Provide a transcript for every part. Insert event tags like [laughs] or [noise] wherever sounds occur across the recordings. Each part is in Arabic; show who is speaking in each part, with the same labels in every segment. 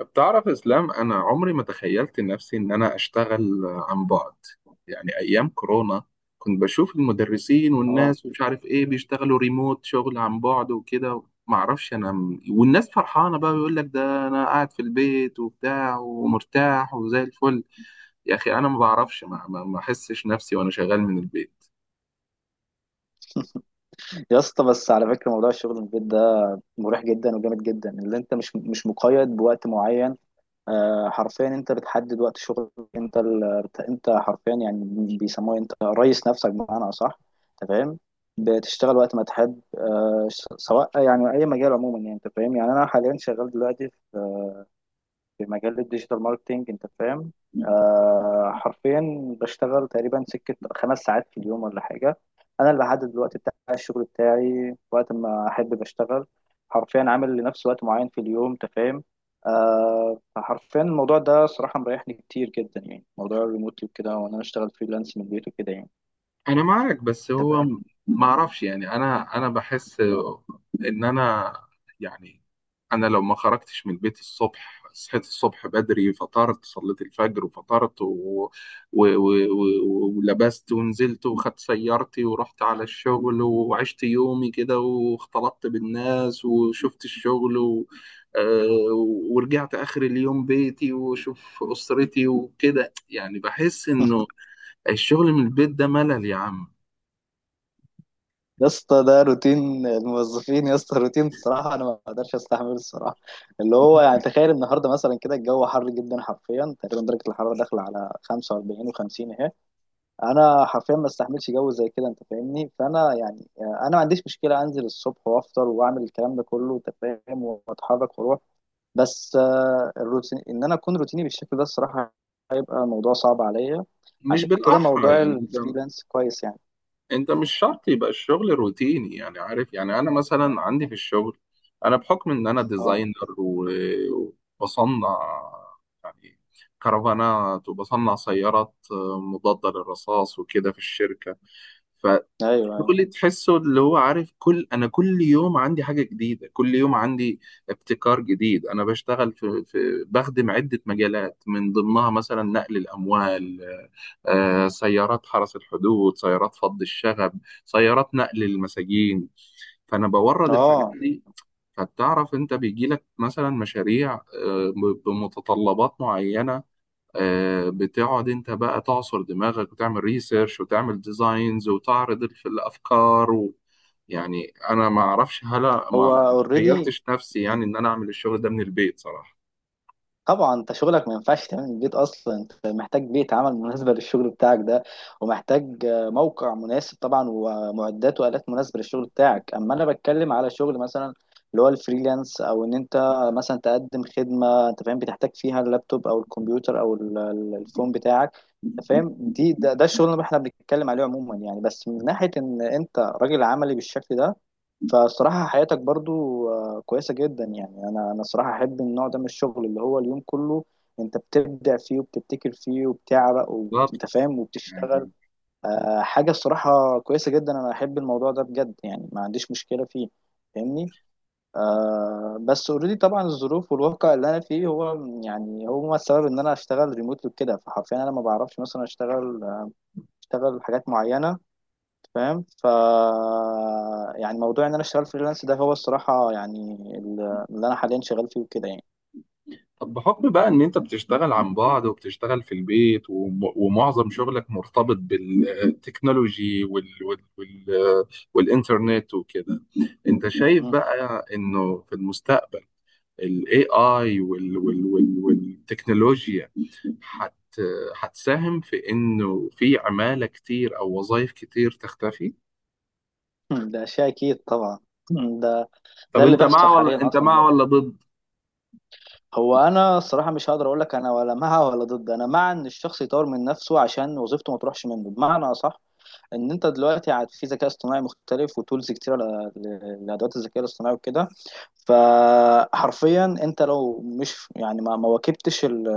Speaker 1: بتعرف اسلام؟ انا عمري ما تخيلت نفسي ان انا اشتغل عن بعد. يعني ايام كورونا كنت بشوف المدرسين
Speaker 2: اه
Speaker 1: والناس ومش عارف ايه بيشتغلوا ريموت شغل عن بعد وكده، ما اعرفش انا، والناس فرحانه بقى، بيقول لك ده انا قاعد في البيت وبتاع ومرتاح وزي الفل. يا اخي انا ما بعرفش، ما احسش نفسي وانا شغال من البيت.
Speaker 2: يا اسطى، بس على فكره موضوع الشغل من البيت ده مريح جدا وجامد جدا. اللي انت مش مقيد بوقت معين. حرفيا انت بتحدد وقت شغلك. انت ال... انت حرفيا يعني بيسموه انت رئيس نفسك بمعنى اصح، انت فاهم. بتشتغل وقت ما تحب سواء يعني اي مجال عموما، يعني انت فاهم. يعني انا حاليا شغال دلوقتي في مجال الديجيتال ماركتينج، انت فاهم. حرفيا بشتغل تقريبا سكة خمس ساعات في اليوم ولا حاجة. انا اللي بحدد الوقت بتاع الشغل بتاعي، وقت ما احب بشتغل. حرفيا عامل لنفسي وقت معين في اليوم، انت فاهم. فحرفيا الموضوع ده صراحة مريحني كتير جدا، يعني موضوع الريموتلي وكده، وانا بشتغل فريلانس من البيت وكده يعني،
Speaker 1: انا معاك، بس
Speaker 2: انت
Speaker 1: هو
Speaker 2: فاهم.
Speaker 1: ما اعرفش يعني، انا بحس ان انا، يعني انا لو ما خرجتش من البيت الصبح، صحيت الصبح بدري، فطرت، صليت الفجر وفطرت ولبست ونزلت وخدت سيارتي ورحت على الشغل وعشت يومي كده واختلطت بالناس وشفت الشغل و... آه، ورجعت آخر اليوم بيتي وشوف أسرتي وكده، يعني بحس إنه الشغل من البيت ده ملل يا عم.
Speaker 2: يا اسطى، ده روتين الموظفين يا اسطى، روتين الصراحه انا ما اقدرش استحمله الصراحه. اللي هو يعني تخيل النهارده مثلا كده الجو حر جدا، حرفيا تقريبا درجه الحراره داخله على 45 و50 اهي. انا حرفيا ما استحملش جو زي كده، انت فاهمني. فانا يعني انا ما عنديش مشكله انزل الصبح وافطر واعمل الكلام ده كله، انت فاهم واتحرك واروح. بس الروتين ان انا اكون روتيني بالشكل ده، الصراحه هيبقى موضوع صعب عليا.
Speaker 1: مش
Speaker 2: عشان كده
Speaker 1: بالاحرى
Speaker 2: موضوع
Speaker 1: يعني انت،
Speaker 2: الفريلانس كويس يعني.
Speaker 1: مش شرط يبقى الشغل روتيني، يعني عارف، يعني انا مثلا عندي في الشغل، انا بحكم ان انا
Speaker 2: اه،
Speaker 1: ديزاينر وبصنع يعني كرفانات، وبصنع سيارات مضادة للرصاص وكده في الشركة ف...
Speaker 2: ايوه، ايوه،
Speaker 1: دول تحسه اللي هو عارف، كل، انا كل يوم عندي حاجه جديده، كل يوم عندي ابتكار جديد. انا بشتغل في, في بخدم عده مجالات، من ضمنها مثلا نقل الاموال، سيارات حرس الحدود، سيارات فض الشغب، سيارات نقل المساجين. فانا بورد الحاجات
Speaker 2: اه،
Speaker 1: دي، فتعرف انت بيجي لك مثلا مشاريع بمتطلبات معينه، بتقعد انت بقى تعصر دماغك وتعمل ريسيرش وتعمل ديزاينز وتعرض الافكار. يعني انا ما اعرفش، هلا ما
Speaker 2: هو
Speaker 1: ما
Speaker 2: اوريدي
Speaker 1: تخيلتش نفسي
Speaker 2: يعني.
Speaker 1: يعني ان انا اعمل الشغل ده من البيت صراحه.
Speaker 2: طبعا انت شغلك ما ينفعش تعمل من البيت اصلا، انت محتاج بيئه عمل مناسبه للشغل بتاعك ده، ومحتاج موقع مناسب طبعا، ومعدات والات مناسبه للشغل بتاعك. اما انا بتكلم على شغل مثلا اللي هو الفريلانس، او ان انت مثلا تقدم خدمه انت فاهم، بتحتاج فيها اللابتوب او الكمبيوتر او الفون بتاعك، انت فاهم. ده الشغل اللي احنا بنتكلم عليه عموما يعني، بس من ناحيه ان انت راجل عملي بالشكل ده، فالصراحة حياتك برضو كويسة جدا. يعني أنا صراحة أحب النوع ده من الشغل، اللي هو اليوم كله أنت بتبدع فيه وبتبتكر فيه وبتعرق
Speaker 1: بالظبط،
Speaker 2: وأنت فاهم وبتشتغل.
Speaker 1: يعني،
Speaker 2: حاجة الصراحة كويسة جدا، أنا أحب الموضوع ده بجد يعني، ما عنديش مشكلة فيه، فاهمني. بس اوريدي طبعا الظروف والواقع اللي أنا فيه هو يعني هو السبب إن أنا أشتغل ريموتلي وكده. فحرفيا أنا ما بعرفش مثلا أشتغل حاجات معينة، فاهم. يعني موضوع ان انا اشتغل فريلانس ده هو الصراحه يعني اللي انا حاليا شغال فيه وكده يعني.
Speaker 1: طب بحكم بقى ان انت بتشتغل عن بعد وبتشتغل في البيت ومعظم شغلك مرتبط بالتكنولوجي والانترنت وكده، انت شايف
Speaker 2: مم.
Speaker 1: بقى انه في المستقبل الاي اي والتكنولوجيا حت هتساهم في انه في عمالة كتير او وظائف كتير تختفي؟
Speaker 2: [laughs] ده شيء اكيد طبعا. مم. ده
Speaker 1: طب
Speaker 2: ده اللي
Speaker 1: انت
Speaker 2: بيحصل
Speaker 1: مع ولا
Speaker 2: حاليا
Speaker 1: انت
Speaker 2: اصلا
Speaker 1: مع
Speaker 2: دلوقتي.
Speaker 1: ولا ضد؟
Speaker 2: هو انا الصراحه مش هقدر اقول لك انا ولا مع ولا ضد. انا مع ان الشخص يطور من نفسه عشان وظيفته ما تروحش منه بمعنى اصح، ان انت دلوقتي عاد في ذكاء اصطناعي مختلف وتولز كتيره لادوات الذكاء الاصطناعي وكده. فحرفيا انت لو مش يعني ما واكبتش ال-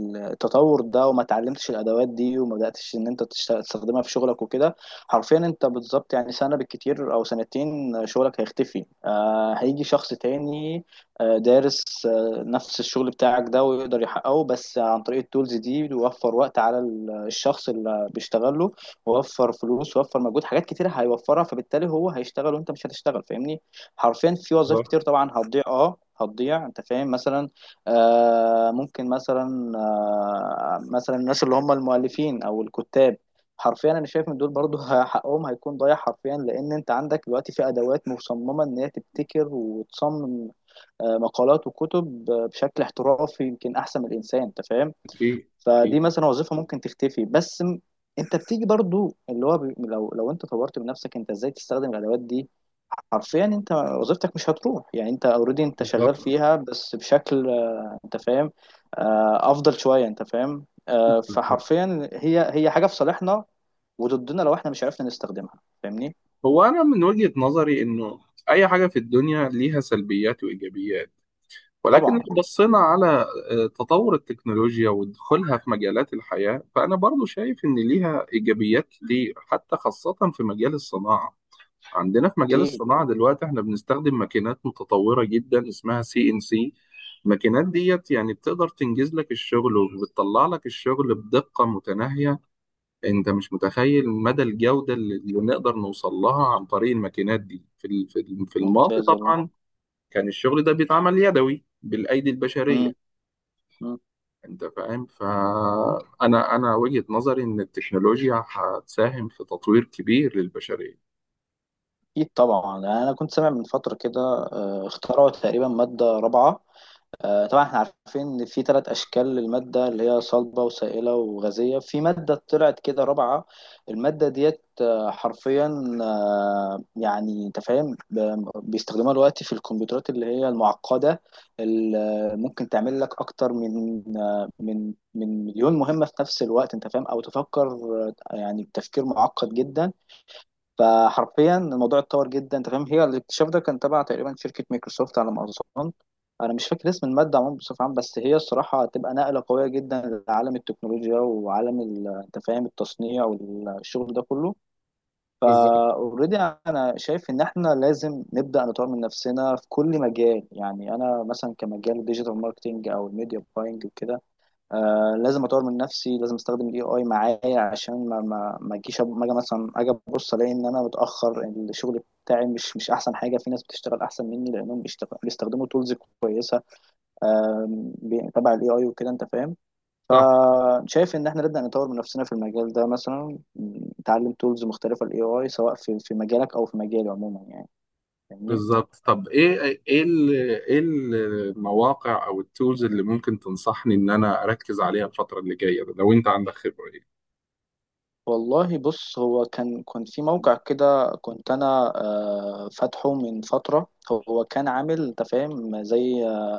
Speaker 2: ال- التطور ده، وما اتعلمتش الادوات دي، وما بداتش ان انت تستخدمها في شغلك وكده، حرفيا انت بالظبط يعني سنه بالكتير او سنتين شغلك هيختفي. هيجي شخص تاني دارس نفس الشغل بتاعك ده، ويقدر يحققه بس عن طريق التولز دي. بيوفر وقت على الشخص اللي بيشتغله، وفر فلوس، وفر مجهود، حاجات كتير هيوفرها. فبالتالي هو هيشتغل وانت مش هتشتغل، فاهمني. حرفيا في وظائف
Speaker 1: بالظبط.
Speaker 2: كتير طبعا هتضيع، اه هتضيع، انت فاهم. مثلا آه ممكن مثلا آه مثلا الناس اللي هم المؤلفين او الكتاب، حرفيا انا شايف ان دول برضو حقهم هيكون ضايع. حرفيا لان انت عندك دلوقتي في ادوات مصممه ان هي تبتكر وتصمم مقالات وكتب بشكل احترافي، يمكن احسن من الانسان، انت فاهم.
Speaker 1: اكيد،
Speaker 2: فدي
Speaker 1: اكيد.
Speaker 2: مثلا وظيفة ممكن تختفي. انت بتيجي برضو اللي هو لو انت طورت من نفسك انت ازاي تستخدم الادوات دي، حرفيا انت وظيفتك مش هتروح. يعني انت اوريدي انت شغال
Speaker 1: بالظبط،
Speaker 2: فيها، بس بشكل انت فاهم افضل شوية، انت فاهم.
Speaker 1: بالظبط.
Speaker 2: فحرفيا هي حاجة في صالحنا وضدنا لو احنا مش عرفنا نستخدمها، فاهمني.
Speaker 1: هو انا من وجهة نظري، انه اي حاجة في الدنيا ليها سلبيات وايجابيات، ولكن
Speaker 2: طبعا.
Speaker 1: لو بصينا على تطور التكنولوجيا ودخولها في مجالات الحياة، فأنا برضو شايف إن ليها إيجابيات كتير، حتى خاصة في مجال الصناعة. عندنا في مجال
Speaker 2: اكيد.
Speaker 1: الصناعة دلوقتي احنا بنستخدم ماكينات متطورة جدا اسمها CNC. الماكينات ديت يعني بتقدر تنجز لك الشغل وبتطلع لك الشغل بدقة متناهية، انت مش متخيل مدى الجودة اللي نقدر نوصل لها عن طريق الماكينات دي. في الماضي
Speaker 2: ممتاز والله.
Speaker 1: طبعا كان الشغل ده بيتعمل يدوي بالأيدي
Speaker 2: امم
Speaker 1: البشرية،
Speaker 2: أمم.
Speaker 1: انت فاهم. فأنا، وجهة نظري إن التكنولوجيا هتساهم في تطوير كبير للبشرية.
Speaker 2: اكيد طبعا، يعني انا كنت سامع من فترة كده اخترعوا تقريبا مادة رابعة. طبعا احنا عارفين ان في ثلاث اشكال للماده اللي هي صلبه وسائله وغازيه، في ماده طلعت كده رابعه. الماده ديت آه، حرفيا آه، يعني انت فاهم، بيستخدموها دلوقتي في الكمبيوترات اللي هي المعقده، اللي ممكن تعمل لك اكتر من مليون مهمه في نفس الوقت، انت فاهم. او تفكر يعني بتفكير معقد جدا. فحرفيا الموضوع اتطور جدا، انت فاهم. هي الاكتشاف ده كان تبع تقريبا شركه مايكروسوفت على ما اظن. انا مش فاكر اسم الماده عموما بصفه عامه، بس هي الصراحه هتبقى نقله قويه جدا لعالم التكنولوجيا وعالم انت فاهم التصنيع والشغل ده كله.
Speaker 1: بالظبط.
Speaker 2: فاوريدي انا شايف ان احنا لازم نبدا نطور من نفسنا في كل مجال، يعني انا مثلا كمجال ديجيتال ماركتنج او الميديا باينج وكده. لازم اطور من نفسي، لازم استخدم الاي اي معايا عشان ما اجي مثلا، اجي ابص الاقي ان انا متاخر، الشغل بتاعي مش احسن حاجه، في ناس بتشتغل احسن مني لانهم بيستخدموا تولز كويسه تبع الاي اي وكده، انت فاهم.
Speaker 1: صح.
Speaker 2: فشايف ان احنا نبدا نطور من نفسنا في المجال ده، مثلا نتعلم تولز مختلفه الاي اي، سواء في مجالك او في مجالي عموما يعني، فاهمني.
Speaker 1: بالظبط. طب ايه، ايه ال- ايه المواقع او التولز اللي ممكن تنصحني ان انا اركز عليها الفتره اللي جايه، لو انت عندك خبره؟ ايه.
Speaker 2: والله بص، هو كان كنت في موقع كده كنت انا فاتحه من فتره. هو كان عامل انت فاهم زي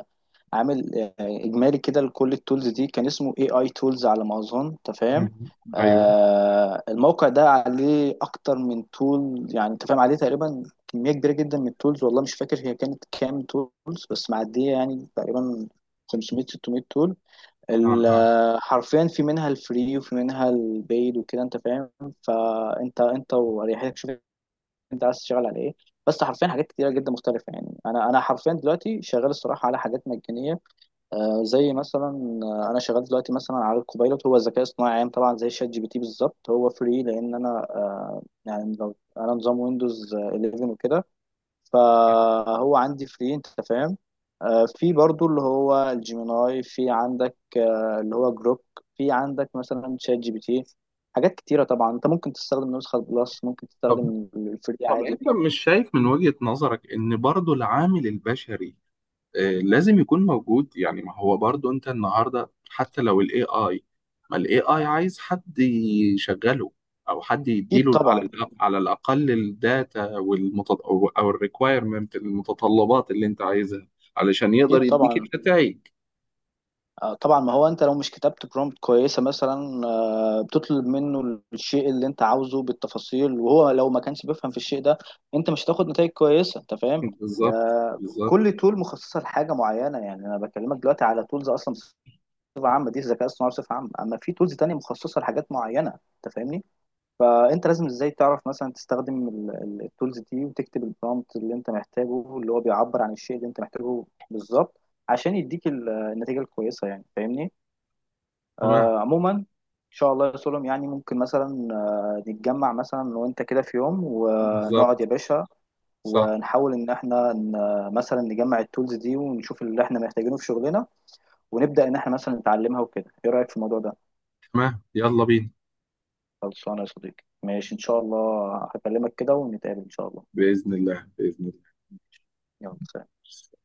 Speaker 2: عامل اجمالي كده لكل التولز دي، كان اسمه اي اي تولز على ما اظن، انت فاهم.
Speaker 1: مم. ايوه.
Speaker 2: الموقع ده عليه اكتر من تول، يعني انت فاهم، عليه تقريبا كميه كبيره جدا من التولز. والله مش فاكر هي كانت كام تولز، بس معديه يعني تقريبا 500 600 تول.
Speaker 1: اه. آه.
Speaker 2: حرفيا في منها الفري وفي منها البيد وكده، انت فاهم. فانت واريحيتك، شوف انت عايز تشتغل على ايه. بس حرفيا حاجات كتيره جدا مختلفه، يعني انا حرفيا دلوقتي شغال الصراحه على حاجات مجانيه. زي مثلا انا شغال دلوقتي مثلا على الكوبايلوت، هو ذكاء اصطناعي عام طبعا زي شات جي بي تي بالظبط. هو فري، لان انا انا نظام ويندوز 11 وكده، فهو عندي فري، انت فاهم. في برضو اللي هو الجيميناي، في عندك اللي هو جروك، في عندك مثلا شات جي بي تي. حاجات كتيرة طبعا، انت ممكن تستخدم نسخة بلس، ممكن
Speaker 1: طب،
Speaker 2: تستخدم الفري عادي.
Speaker 1: انت مش شايف من وجهه نظرك ان برضو العامل البشري، لازم يكون موجود؟ يعني ما هو برضو، انت النهارده حتى لو الاي اي، ما الاي اي عايز حد يشغله، او حد
Speaker 2: اكيد
Speaker 1: يديله على
Speaker 2: طبعا.
Speaker 1: على الاقل الداتا، او أو الريكوايرمنت، المتطلبات اللي انت عايزها علشان
Speaker 2: اكيد
Speaker 1: يقدر يديك
Speaker 2: طبعا.
Speaker 1: النتائج.
Speaker 2: طبعا ما هو انت لو مش كتبت برومبت كويسة مثلا بتطلب منه الشيء اللي انت عاوزه بالتفاصيل، وهو لو ما كانش بيفهم في الشيء ده، انت مش هتاخد نتائج كويسه، انت فاهم.
Speaker 1: بالظبط، بالظبط.
Speaker 2: كل تول مخصصه لحاجه معينه، يعني انا بكلمك دلوقتي على تولز اصلا بصفه عامه دي الذكاء الصناعي بصفه عامه، اما في تولز تانية مخصصه لحاجات معينه، انت فاهمني. فانت لازم ازاي تعرف مثلا تستخدم التولز دي وتكتب البرومبت اللي انت محتاجه، اللي هو بيعبر عن الشيء اللي انت محتاجه بالظبط، عشان يديك النتيجه الكويسه، يعني فاهمني.
Speaker 1: تمام.
Speaker 2: عموما ان شاء الله يا سلم، يعني ممكن مثلا نتجمع مثلا أنا وانت كده في يوم ونقعد يا
Speaker 1: بالظبط.
Speaker 2: باشا،
Speaker 1: صح.
Speaker 2: ونحاول ان احنا مثلا نجمع التولز دي ونشوف اللي احنا محتاجينه في شغلنا، ونبدأ ان احنا مثلا نتعلمها وكده. ايه رأيك في الموضوع ده؟
Speaker 1: تمام، يلا بينا.
Speaker 2: خلصانه يا صديقي، ماشي ان شاء الله، هكلمك كده ونتقابل ان شاء الله،
Speaker 1: باذن الله، باذن
Speaker 2: يلا سلام.
Speaker 1: الله.